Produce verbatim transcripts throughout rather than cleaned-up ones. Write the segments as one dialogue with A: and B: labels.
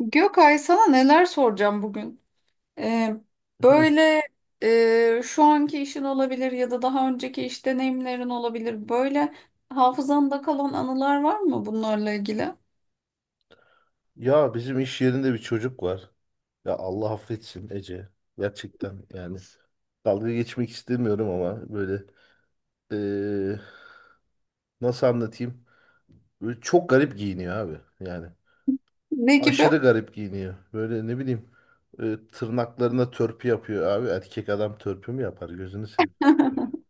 A: Gökay sana neler soracağım bugün? Ee,
B: Hı.
A: Böyle e, şu anki işin olabilir ya da daha önceki iş deneyimlerin olabilir. Böyle hafızanda kalan anılar var mı bunlarla ilgili?
B: Ya bizim iş yerinde bir çocuk var. Ya Allah affetsin Ece. Gerçekten yani dalga geçmek istemiyorum ama böyle eee, nasıl anlatayım? Böyle çok garip giyiniyor abi. Yani
A: Ne gibi?
B: aşırı garip giyiniyor. Böyle ne bileyim, e, tırnaklarına törpü yapıyor abi. Erkek adam törpü mü yapar gözünü seveyim.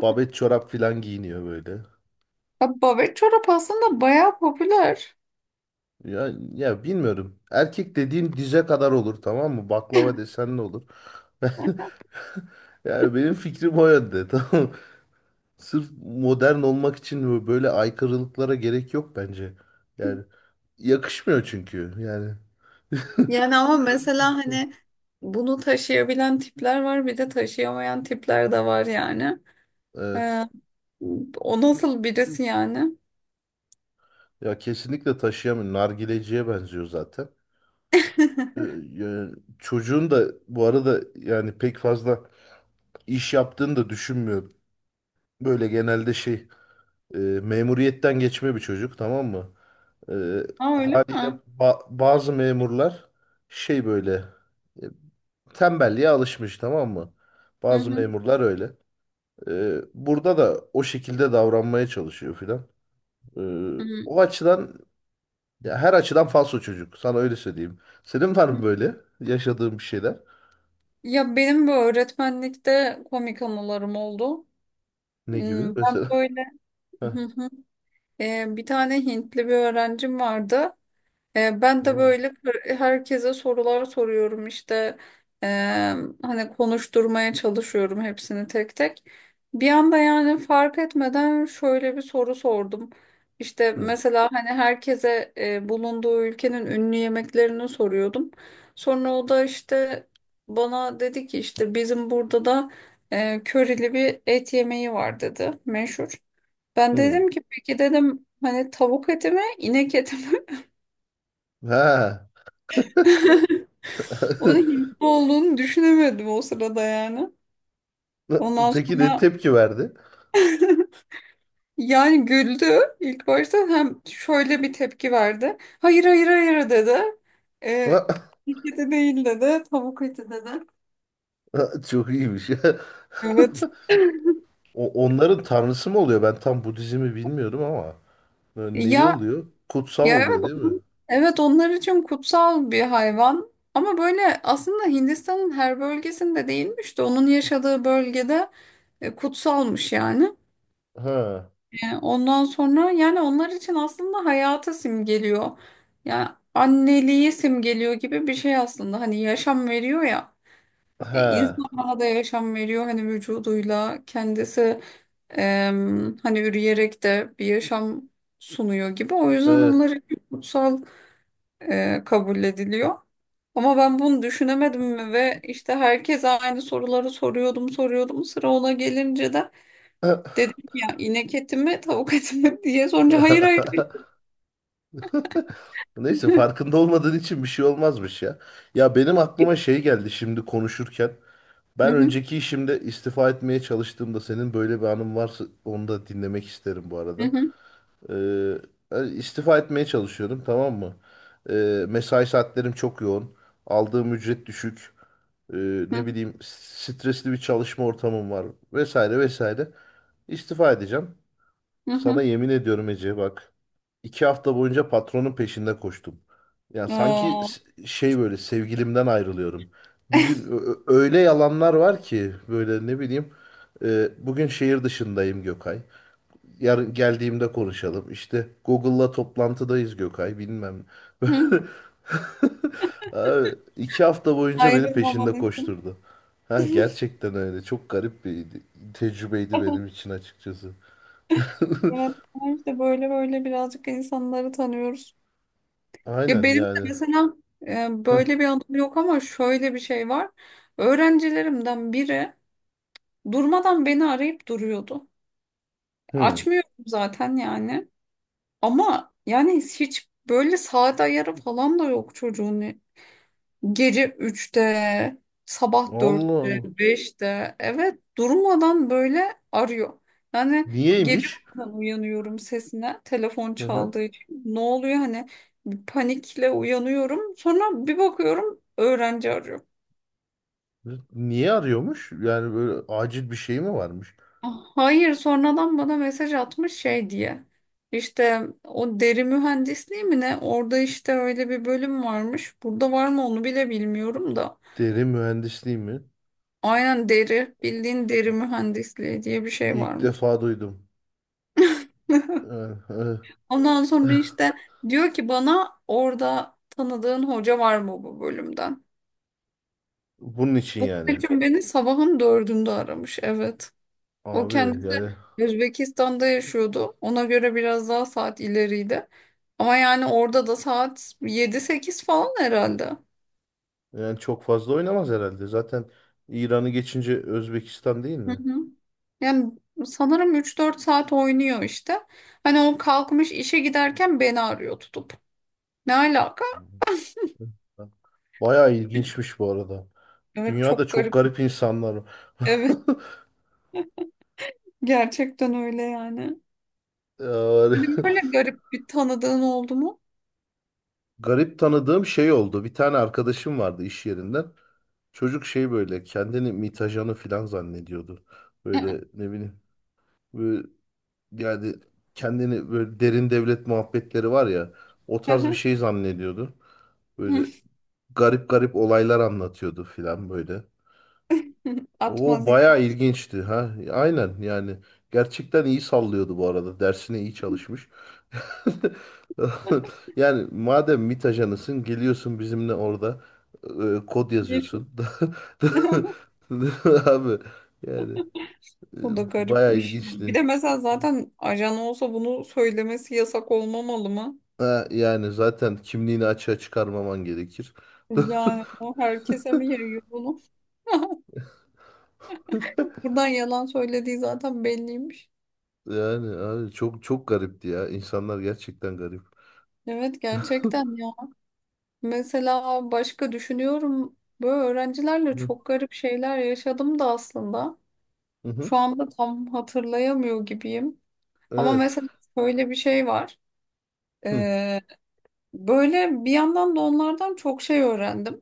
B: Babet çorap filan giyiniyor böyle.
A: Ya babet çorap aslında bayağı popüler.
B: Ya, ya bilmiyorum. Erkek dediğin dize kadar olur, tamam mı? Baklava desen ne olur? Yani benim fikrim o yönde. Tamam. Sırf modern olmak için böyle aykırılıklara gerek yok bence. Yani yakışmıyor çünkü. Yani
A: Yani ama mesela hani bunu taşıyabilen tipler var bir de taşıyamayan tipler de var yani. Ee,
B: evet.
A: O nasıl birisi yani?
B: Ya kesinlikle taşıyamıyor. Nargileciye benziyor zaten. Ee, yani çocuğun da bu arada yani pek fazla iş yaptığını da düşünmüyorum. Böyle genelde şey, e, memuriyetten geçme bir çocuk, tamam mı? Ee,
A: Ha öyle
B: haliyle
A: mi?
B: ba- bazı memurlar şey böyle, e, tembelliğe alışmış, tamam mı?
A: Hı
B: Bazı
A: hı.
B: memurlar öyle. Ee, burada da o şekilde davranmaya çalışıyor filan. Ee,
A: Hı hı.
B: o açıdan, ya her açıdan falso çocuk. Sana öyle söyleyeyim. Senin var mı böyle yaşadığın bir şeyler?
A: Ya benim bu öğretmenlikte komik anılarım oldu.
B: Ne gibi
A: Hmm, Ben
B: mesela?
A: böyle
B: Heh.
A: hı hı. Ee, bir tane Hintli bir öğrencim vardı. E, Ben de
B: Aa.
A: böyle herkese sorular soruyorum işte. E, Hani konuşturmaya çalışıyorum hepsini tek tek. Bir anda yani fark etmeden şöyle bir soru sordum. İşte
B: Hı.
A: mesela hani herkese e, bulunduğu ülkenin ünlü yemeklerini soruyordum. Sonra o da işte bana dedi ki işte bizim burada da e, körili bir et yemeği var dedi meşhur. Ben
B: Hı.
A: dedim ki peki dedim hani tavuk eti mi inek eti mi?
B: Ha.
A: Onun hippo olduğunu düşünemedim o sırada yani. Ondan
B: Peki ne
A: sonra
B: tepki verdi?
A: yani güldü ilk başta hem şöyle bir tepki verdi. Hayır hayır hayır dedi. Ee, "İlk eti değil dedi. Tavuk eti dedi.
B: Çok iyiymiş.
A: Evet.
B: O, onların tanrısı mı oluyor? Ben tam Budizm'i bilmiyorum ama. Böyle neyi
A: Ya
B: oluyor? Kutsal
A: ya evet
B: oluyor değil mi?
A: onun- evet onlar için kutsal bir hayvan. Ama böyle aslında Hindistan'ın her bölgesinde değilmiş de onun yaşadığı bölgede e, kutsalmış yani.
B: Ha.
A: E, Ondan sonra yani onlar için aslında hayatı simgeliyor. Yani anneliği simgeliyor gibi bir şey aslında. Hani yaşam veriyor ya. E, İnsan
B: Ha.
A: bana da yaşam veriyor hani vücuduyla kendisi em, hani üreyerek de bir yaşam sunuyor gibi. O yüzden
B: Evet.
A: onlar için kutsal e, kabul ediliyor. Ama ben bunu düşünemedim mi ve işte herkese aynı soruları soruyordum soruyordum. Sıra ona gelince de dedim ki ya inek eti mi tavuk eti mi diye sorunca hayır hayır
B: Neyse
A: hı
B: farkında olmadığın için bir şey olmazmış ya. Ya benim aklıma şey geldi şimdi konuşurken. Ben
A: hı,
B: önceki işimde istifa etmeye çalıştığımda, senin böyle bir anın varsa onu da dinlemek isterim bu
A: hı
B: arada.
A: hı,
B: Ee, yani istifa etmeye çalışıyordum, tamam mı? Ee, mesai saatlerim çok yoğun. Aldığım ücret düşük. e,
A: hı
B: ne bileyim stresli bir çalışma ortamım var, vesaire vesaire. İstifa edeceğim.
A: hı, hı
B: Sana
A: hı.
B: yemin ediyorum Ece, bak. İki hafta boyunca patronun peşinde koştum. Yani sanki
A: Aa,
B: s- şey, böyle sevgilimden ayrılıyorum. Bir gün ö- ö- öyle yalanlar var ki böyle, ne bileyim. e, bugün şehir dışındayım Gökay. Yarın geldiğimde konuşalım. İşte Google'la toplantıdayız Gökay, bilmem.
A: hı.
B: Abi, iki hafta boyunca beni
A: Ayrılmaman
B: peşinde
A: için.
B: koşturdu. Ha, gerçekten öyle. Çok garip bir tecrübeydi benim için açıkçası.
A: Evet, işte böyle böyle birazcık insanları tanıyoruz. Ya
B: Aynen
A: benim de
B: yani.
A: mesela e, böyle bir anım yok ama şöyle bir şey var. Öğrencilerimden biri durmadan beni arayıp duruyordu.
B: Hı.
A: Açmıyorum zaten yani. Ama yani hiç böyle saat ayarı falan da yok çocuğun. Gece üçte, sabah
B: Allah
A: dörtte
B: Allah.
A: beşte evet durmadan böyle arıyor. Yani gece
B: Niyeymiş?
A: bazen uyanıyorum sesine telefon
B: Hı hı.
A: çaldığı için. Ne oluyor hani bir panikle uyanıyorum. Sonra bir bakıyorum öğrenci arıyor.
B: Niye arıyormuş? Yani böyle acil bir şey mi varmış?
A: Hayır sonradan bana mesaj atmış şey diye. İşte o deri mühendisliği mi ne? Orada işte öyle bir bölüm varmış. Burada var mı onu bile bilmiyorum da.
B: Derin mühendisliği mi?
A: Aynen deri, bildiğin deri mühendisliği diye bir şey
B: İlk
A: varmış.
B: defa duydum. Ee, e,
A: Ondan sonra işte diyor ki bana orada tanıdığın hoca var mı bu bölümden?
B: bunun için
A: Bu
B: yani.
A: için beni sabahın dördünde aramış, evet. O
B: Abi
A: kendisi
B: yani
A: Özbekistan'da yaşıyordu. Ona göre biraz daha saat ileriydi. Ama yani orada da saat yedi sekiz falan herhalde.
B: Yani çok fazla oynamaz herhalde. Zaten İran'ı geçince Özbekistan değil
A: Hı
B: mi?
A: hı. Yani sanırım üç dört saat oynuyor işte. Hani o kalkmış işe giderken beni arıyor tutup. Ne alaka?
B: Bayağı ilginçmiş bu arada.
A: Evet
B: Dünyada
A: çok
B: çok
A: garip.
B: garip insanlar var.
A: Evet gerçekten öyle yani.
B: Yani
A: Senin böyle garip bir tanıdığın oldu mu?
B: garip tanıdığım şey oldu. Bir tane arkadaşım vardı iş yerinden. Çocuk şey böyle kendini mitajanı falan zannediyordu. Böyle ne bileyim. Böyle, yani kendini böyle, derin devlet muhabbetleri var ya, o tarz bir şey zannediyordu. Böyle garip garip olaylar anlatıyordu falan böyle. O
A: Atmaz yani.
B: bayağı ilginçti ha. Aynen yani. Gerçekten iyi sallıyordu bu arada. Dersine iyi çalışmış. Yani madem MİT ajanısın, geliyorsun bizimle orada e, kod yazıyorsun. Abi yani e,
A: O da
B: bayağı
A: garipmiş. Bir
B: ilginçti.
A: de mesela zaten ajan olsa bunu söylemesi yasak olmamalı mı?
B: Ha, yani zaten kimliğini açığa çıkarmaman gerekir.
A: Yani o herkese mi yayıyor bunu? Buradan yalan söylediği zaten belliymiş.
B: Yani abi çok çok garipti ya. İnsanlar gerçekten garip.
A: Evet gerçekten ya. Mesela başka düşünüyorum. Böyle öğrencilerle
B: Hı
A: çok garip şeyler yaşadım da aslında.
B: hı. Hı.
A: Şu anda tam hatırlayamıyor gibiyim. Ama
B: Evet.
A: mesela şöyle bir şey var.
B: Hı
A: Ee, Böyle bir yandan da onlardan çok şey öğrendim.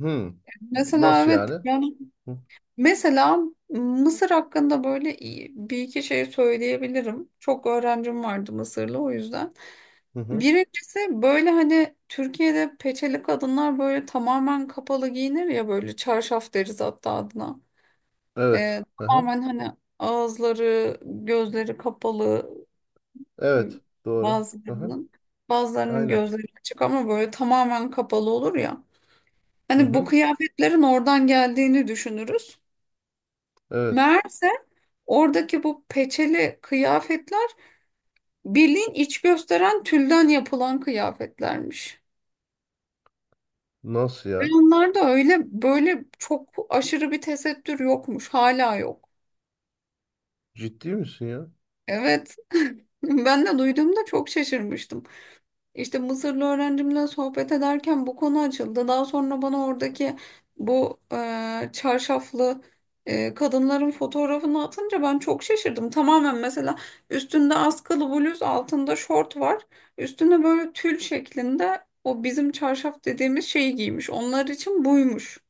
B: hı.
A: Mesela
B: Nasıl
A: evet
B: yani?
A: yani
B: Hı.
A: mesela Mısır hakkında böyle iyi- bir iki şey söyleyebilirim. Çok öğrencim vardı Mısırlı o yüzden.
B: Hı hı.
A: Birincisi böyle hani Türkiye'de peçeli kadınlar böyle tamamen kapalı giyinir ya böyle çarşaf deriz hatta adına.
B: Evet.
A: Ee,
B: Hı hı.
A: Tamamen hani ağızları, gözleri kapalı. Hı.
B: Evet. Doğru. Hı hı.
A: Bazılarının Bazılarının
B: Aynen.
A: gözleri açık ama böyle tamamen kapalı olur ya.
B: Hı
A: Hani bu
B: hı.
A: kıyafetlerin oradan geldiğini düşünürüz.
B: Evet.
A: Meğerse oradaki bu peçeli kıyafetler bilin iç gösteren tülden yapılan kıyafetlermiş.
B: Nasıl
A: Ve
B: ya?
A: onlarda öyle böyle çok aşırı bir tesettür yokmuş. Hala yok.
B: Ciddi misin ya?
A: Evet. Ben de duyduğumda çok şaşırmıştım. İşte Mısırlı öğrencimle sohbet ederken bu konu açıldı. Daha sonra bana oradaki bu e, çarşaflı e, kadınların fotoğrafını atınca ben çok şaşırdım. Tamamen mesela üstünde askılı bluz, altında şort var. Üstünde böyle tül şeklinde o bizim çarşaf dediğimiz şeyi giymiş. Onlar için buymuş.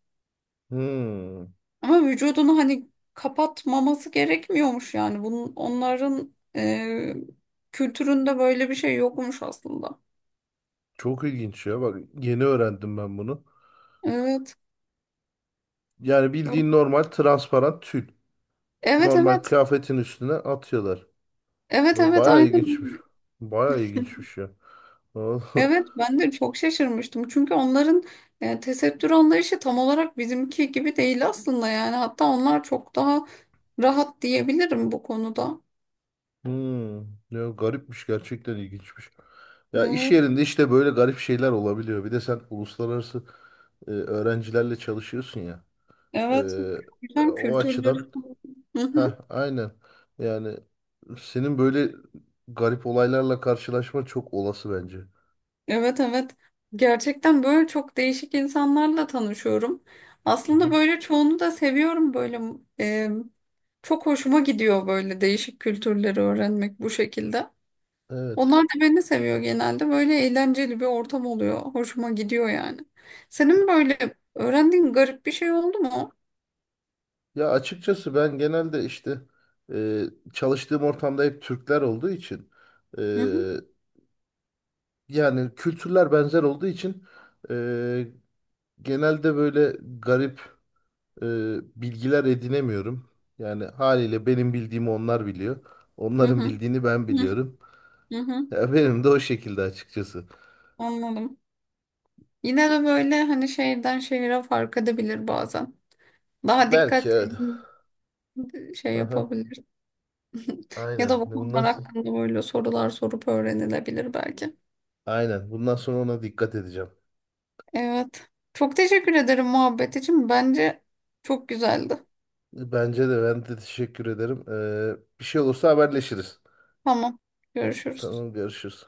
B: Hmm.
A: Ama vücudunu hani kapatmaması gerekmiyormuş yani. Bunun, onların e, kültüründe böyle bir şey yokmuş aslında.
B: Çok ilginç ya. Bak yeni öğrendim ben bunu.
A: Evet.
B: Yani bildiğin normal transparan tül.
A: Evet
B: Normal
A: evet.
B: kıyafetin üstüne atıyorlar.
A: Evet evet
B: Baya ilginçmiş.
A: aynen.
B: Baya ilginçmiş ya. Vallahi-
A: Evet ben de çok şaşırmıştım. Çünkü onların e, tesettür anlayışı tam olarak bizimki gibi değil aslında yani. Hatta onlar çok daha rahat diyebilirim bu konuda.
B: Hmm. Ya garipmiş, gerçekten ilginçmiş. Ya iş
A: Evet.
B: yerinde işte böyle garip şeyler olabiliyor. Bir de sen uluslararası e, öğrencilerle çalışıyorsun ya.
A: Evet.
B: Ee,
A: Güzel
B: o
A: kültürleri.
B: açıdan,
A: Hı hı.
B: ha aynen. Yani senin böyle garip olaylarla karşılaşma çok olası bence. Hı
A: Evet evet. Gerçekten böyle çok değişik insanlarla tanışıyorum. Aslında
B: hı.
A: böyle çoğunu da seviyorum böyle e, çok hoşuma gidiyor böyle değişik kültürleri öğrenmek bu şekilde.
B: Evet.
A: Onlar da beni seviyor genelde. Böyle eğlenceli bir ortam oluyor. Hoşuma gidiyor yani. Senin böyle öğrendiğin garip bir şey oldu mu?
B: Ya açıkçası ben genelde işte e, çalıştığım ortamda hep Türkler olduğu için, e,
A: Hı hı,
B: yani kültürler benzer olduğu için, e, genelde böyle garip e, bilgiler edinemiyorum. Yani haliyle benim bildiğimi onlar biliyor.
A: hı
B: Onların
A: hı,
B: bildiğini ben
A: hı
B: biliyorum.
A: hı, hı.
B: Ya benim de o şekilde açıkçası.
A: Anladım. Yine de böyle hani şehirden şehire fark edebilir bazen. Daha
B: Belki
A: dikkatli
B: evet.
A: şey
B: Aha,
A: yapabilir. Ya da
B: aynen.
A: bu
B: Bundan
A: konular
B: sonra,
A: hakkında böyle sorular sorup öğrenilebilir belki.
B: aynen. Bundan sonra ona dikkat edeceğim.
A: Evet. Çok teşekkür ederim muhabbet için. Bence çok güzeldi.
B: Bence de, ben de teşekkür ederim. Ee, bir şey olursa haberleşiriz.
A: Tamam. Görüşürüz.
B: Tamam, görüşürüz.